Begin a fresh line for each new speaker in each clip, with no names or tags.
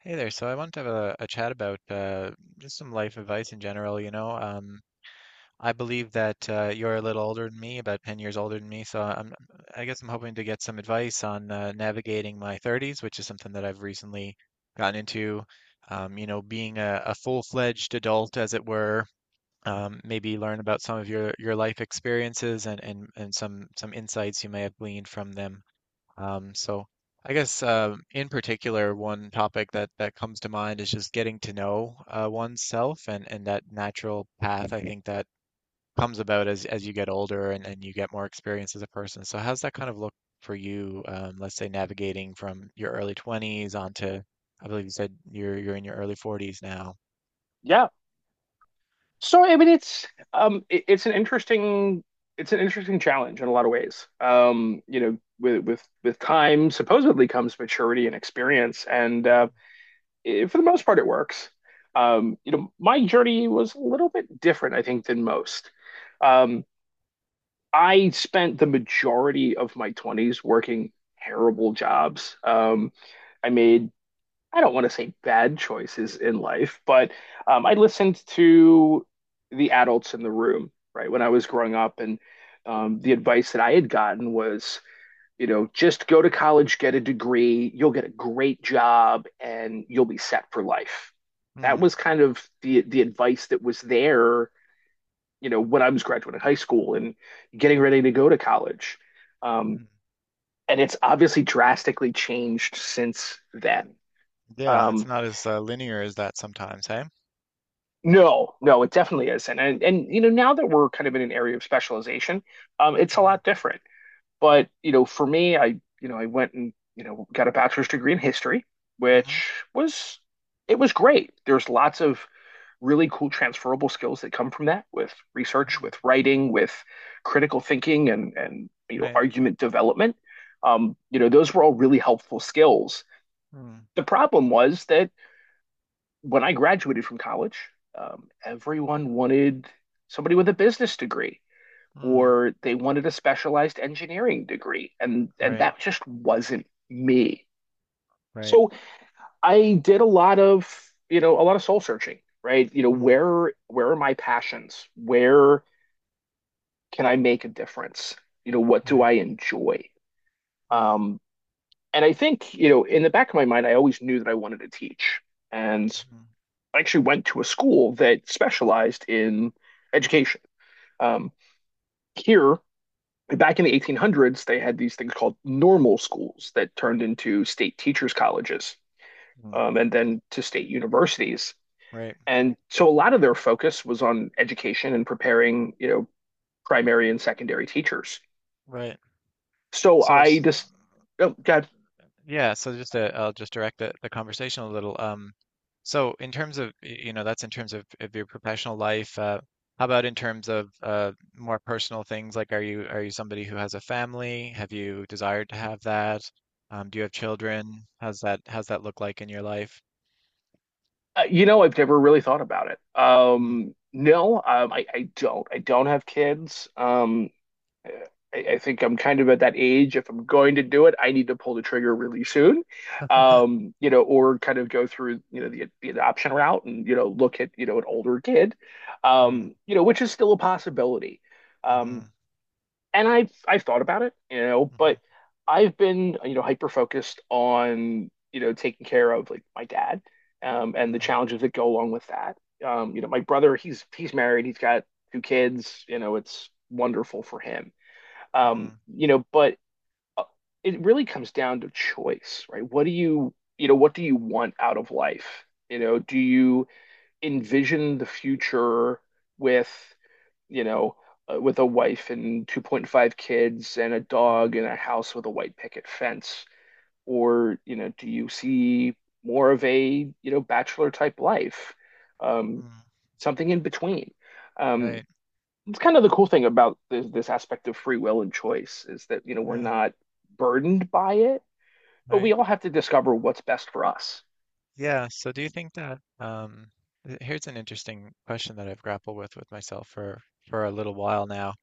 Hey there. So I want to have a chat about just some life advice in general. I believe that you're a little older than me, about 10 years older than me. I guess I'm hoping to get some advice on navigating my 30s, which is something that I've recently gotten into. Being a full-fledged adult, as it were. Maybe learn about some of your life experiences and some insights you may have gleaned from them. So I guess in particular, one topic that comes to mind is just getting to know oneself and that natural path. I think that comes about as you get older and you get more experience as a person. So how's that kind of look for you? Let's say navigating from your early 20s onto, I believe you said you're in your early 40s now.
Yeah. So I mean it's an interesting challenge in a lot of ways. With time supposedly comes maturity and experience. And for the most part it works. You know, my journey was a little bit different I think than most. Um, I spent the majority of my 20s working terrible jobs. I made, I don't want to say bad choices in life, but I listened to the adults in the room, right, when I was growing up. And The advice that I had gotten was, you know, just go to college, get a degree, you'll get a great job, and you'll be set for life. That
Hmm.
was kind of the advice that was there, you know, when I was graduating high school and getting ready to go to college. Um,
mhm.
and it's obviously drastically changed since then.
Yeah, it's
Um,
not as linear as that sometimes, hey?
No, no, it definitely isn't. And you know, now that we're kind of in an area of specialization, it's a
Hmm
lot different. But you know, for me, I went and you know got a bachelor's degree in history,
hmm
which was, it was great. There's lots of really cool transferable skills that come from that with research,
hmm
with writing, with critical thinking and you know,
Right.
argument development. You know, those were all really helpful skills. The problem was that when I graduated from college, everyone wanted somebody with a business degree,
Mm-hmm.
or they wanted a specialized engineering degree, and
Right.
that just wasn't me.
Right.
So I did a lot of, you know, a lot of soul searching, right? You know,
hmm
where are my passions? Where can I make a difference? You know, what do
Right.
I enjoy?
Mm,
Um, and I think, you know, in the back of my mind, I always knew that I wanted to teach. And
mhm,
I actually went to a school that specialized in education. Um, Here, back in the 1800s, they had these things called normal schools that turned into state teachers' colleges,
mm,
and then to state universities.
Right,
And so a lot of their focus was on education and preparing, you know, primary and secondary teachers.
right.
So
So,
I
s-
just, oh God,
yeah, so just to, I'll just direct the conversation a little. So in terms of, you know, that's in terms of your professional life. How about in terms of more personal things? Like, are you somebody who has a family? Have you desired to have that? Do you have children? How's that look like in your life?
you know, I've never really thought about it.
Mm.
No, I don't. I don't have kids. I think I'm kind of at that age. If I'm going to do it, I need to pull the trigger really soon, you know, or kind of go through, you know, the adoption route and, you know, look at, you know, an older kid,
Mm,
you know, which is still a possibility. Um,
mhm,
and I've thought about it, you know,
mhm,
but I've been, you know, hyper focused on, you know, taking care of like my dad, and the
mhm,
challenges that go along with that. You know, my brother, he's married, he's got two kids, you know, it's wonderful for him.
mm,
You know, but uh, it really comes down to choice, right? What do you, you know, what do you want out of life? You know, do you envision the future with, you know, with a wife and 2.5 kids and a dog and
mhm,
a house with a white picket fence? Or, you know, do you see more of a, you know, bachelor type life? Um,
mm.
something in between. Um,
Right.
it's kind of the cool thing about this aspect of free will and choice is that, you know, we're
Yeah,
not burdened by it, but we
right.
all have to discover what's best for us.
Yeah, so do you think that here's an interesting question that I've grappled with myself for a little while now.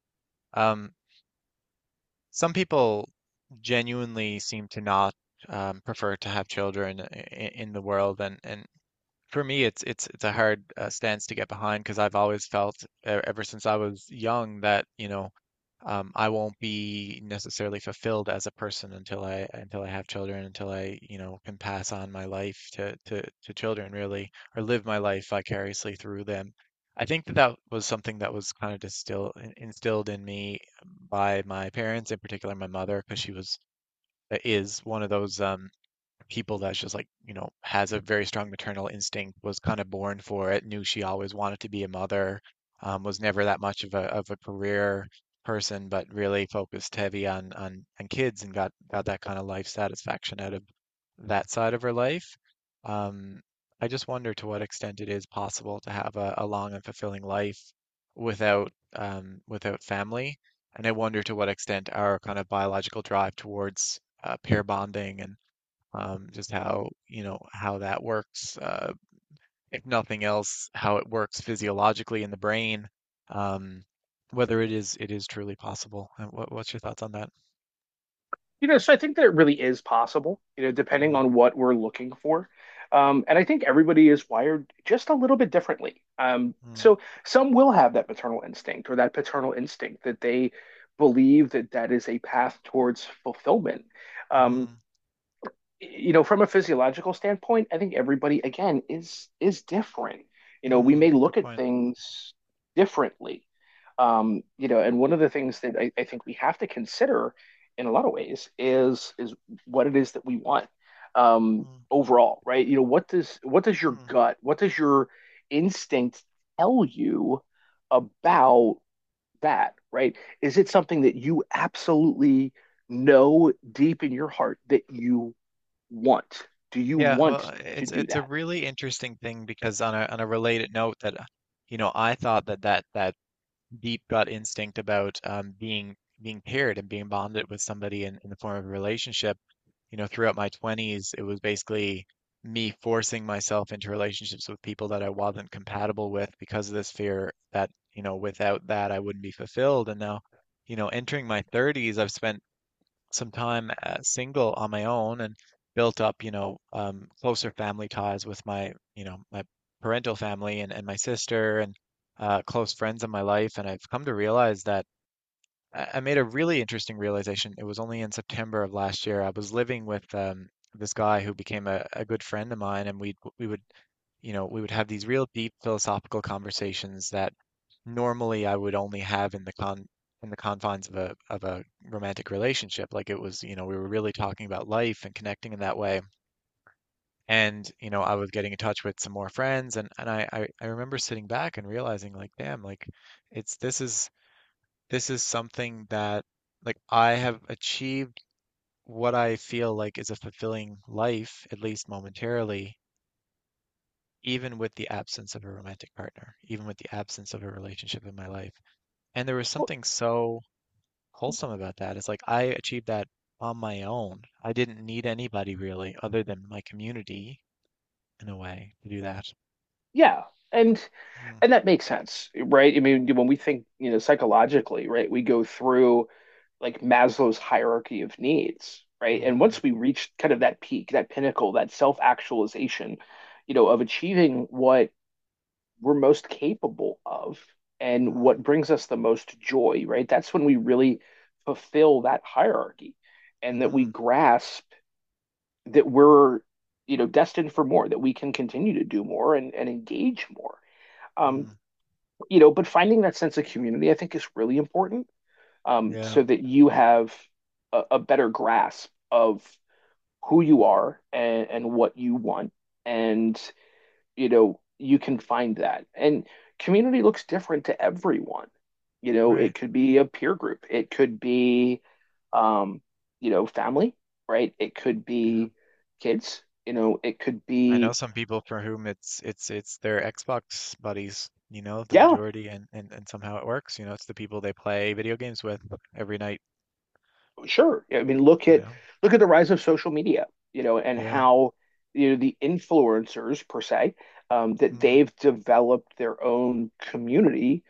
Um some people genuinely seem to not prefer to have children in the world and for me, it's a hard stance to get behind because I've always felt ever since I was young that, you know, I won't be necessarily fulfilled as a person until I have children, until I, you know, can pass on my life to children really, or live my life vicariously through them. I think that that was something that was kind of distilled instilled in me by my parents, in particular my mother, because she was is one of those people that's just like, you know, has a very strong maternal instinct, was kind of born for it, knew she always wanted to be a mother, was never that much of a career person but really focused heavy on kids and got that kind of life satisfaction out of that side of her life. um, I just wonder to what extent it is possible to have a long and fulfilling life without without family. And I wonder to what extent our kind of biological drive towards pair bonding and just how, you know, how that works. If nothing else, how it works physiologically in the brain, um, whether it is truly possible. What what's your thoughts on that?
You know, so I think that it really is possible, you know, depending
Mm,
on what we're looking for. And I think everybody is wired just a little bit differently.
mm,
So some will have that maternal instinct or that paternal instinct that they believe that that is a path towards fulfillment.
mm-hmm,
Um, you know, from a physiological standpoint, I think everybody again is different. You know, we
mm,
may
good
look at
point.
things differently. You know, and one of the things that I think we have to consider in a lot of ways is what it is that we want,
Mm,
overall, right? You know, what does your
mm.
gut, what does your instinct tell you about that, right? Is it something that you absolutely know deep in your heart that you want? Do you
Yeah, well,
want to do
it's a
that?
really interesting thing because on a related note that you know, I thought that that deep gut instinct about being being paired and being bonded with somebody in the form of a relationship. You know, throughout my 20s, it was basically me forcing myself into relationships with people that I wasn't compatible with because of this fear that, you know, without that I wouldn't be fulfilled. And now, you know, entering my 30s, I've spent some time single on my own and built up, you know, closer family ties with my, you know, my parental family and my sister and close friends in my life. And I've come to realize that I made a really interesting realization. It was only in September of last year. I was living with this guy who became a good friend of mine, and we would, you know, we would have these real deep philosophical conversations that normally I would only have in the con in the confines of a romantic relationship. Like it was, you know, we were really talking about life and connecting in that way. And, you know, I was getting in touch with some more friends, and I remember sitting back and realizing, like, damn, like it's this is something that like I have achieved what I feel like is a fulfilling life, at least momentarily, even with the absence of a romantic partner, even with the absence of a relationship in my life. And there was
Well,
something so wholesome about that. It's like I achieved that on my own. I didn't need anybody really, other than my community in a way, to do that.
yeah. And
Mm,
and that makes sense, right? I mean, when we think, you know, psychologically, right, we go through like Maslow's hierarchy of needs, right? And
mm-hmm,
once we reach kind of that peak, that pinnacle, that self-actualization, you know, of achieving what we're most capable of and
mm,
what brings us the most joy, right? That's when we really fulfill that hierarchy and that we
mm-hmm,
grasp that we're, you know, destined for more, that we can continue to do more and engage more. um,
mm.
you know, but finding that sense of community I think is really important,
Yeah,
so that you have a better grasp of who you are and what you want. And you know, you can find that. And community looks different to everyone. You know,
right.
it could be a peer group, it could be, um, you know, family, right? It could
Yeah.
be kids, you know, it could
I know
be,
some people for whom it's their Xbox buddies, you know, the
yeah.
majority and somehow it works, you know, it's the people they play video games with every night,
Sure. I mean, look
you
at
know.
look at the rise of social media, you know, and
Yeah.
how, you know, the influencers per se, that
Mm.
they've developed their own community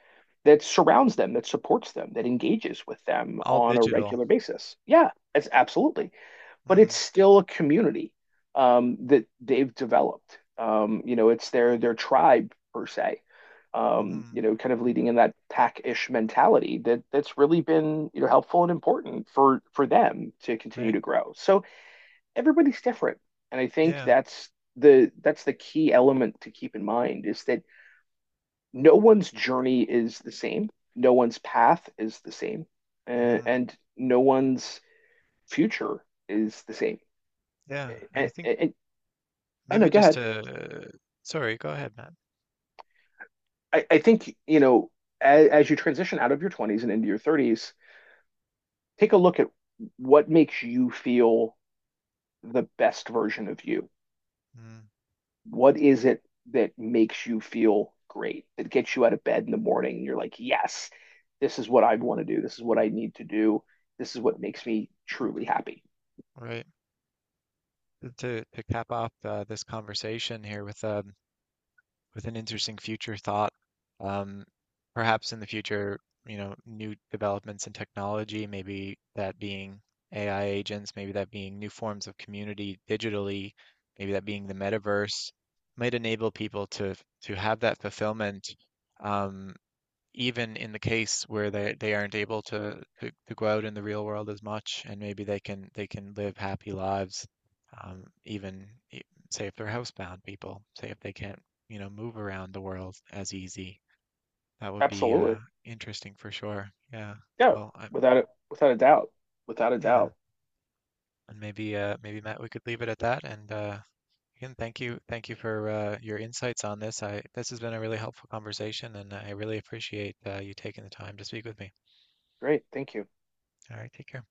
that surrounds them, that supports them, that engages with them
All
on a
digital.
regular basis. Yeah, it's absolutely, but
Mm,
it's still a community, that they've developed. You know, it's their tribe per se.
mm-hmm,
You know, kind of leading in that pack-ish mentality that that's really been, you know, helpful and important for them to continue
right.
to grow. So everybody's different, and I think
Yeah.
that's the key element to keep in mind is that no one's journey is the same, no one's path is the same,
Mm-hmm.
and no one's future is the same.
Yeah. And I think
And Oh
maybe
no, go
just
ahead.
to, sorry, go ahead, Matt.
I think, you know, as you transition out of your 20s and into your 30s, take a look at what makes you feel the best version of you.
Mm,
What is it that makes you feel great, that gets you out of bed in the morning? And you're like, yes, this is what I want to do. This is what I need to do. This is what makes me truly happy.
right. To cap off this conversation here with an interesting future thought. Um, Perhaps in the future, you know, new developments in technology, maybe that being AI agents, maybe that being new forms of community digitally, maybe that being the metaverse, might enable people to have that fulfillment. Um, Even in the case where they aren't able to go out in the real world as much, and maybe they can live happy lives, um, even e- say if they're housebound people, say if they can't, you know, move around the world as easy. That would be
Absolutely.
interesting for sure. Yeah.
Yeah,
Well, I'm
without it, without a doubt. Without a
Yeah,
doubt.
and maybe maybe Matt, we could leave it at that. And again, thank you for your insights on this. I This has been a really helpful conversation, and I really appreciate you taking the time to speak with me.
Great. Thank you.
All right, take care.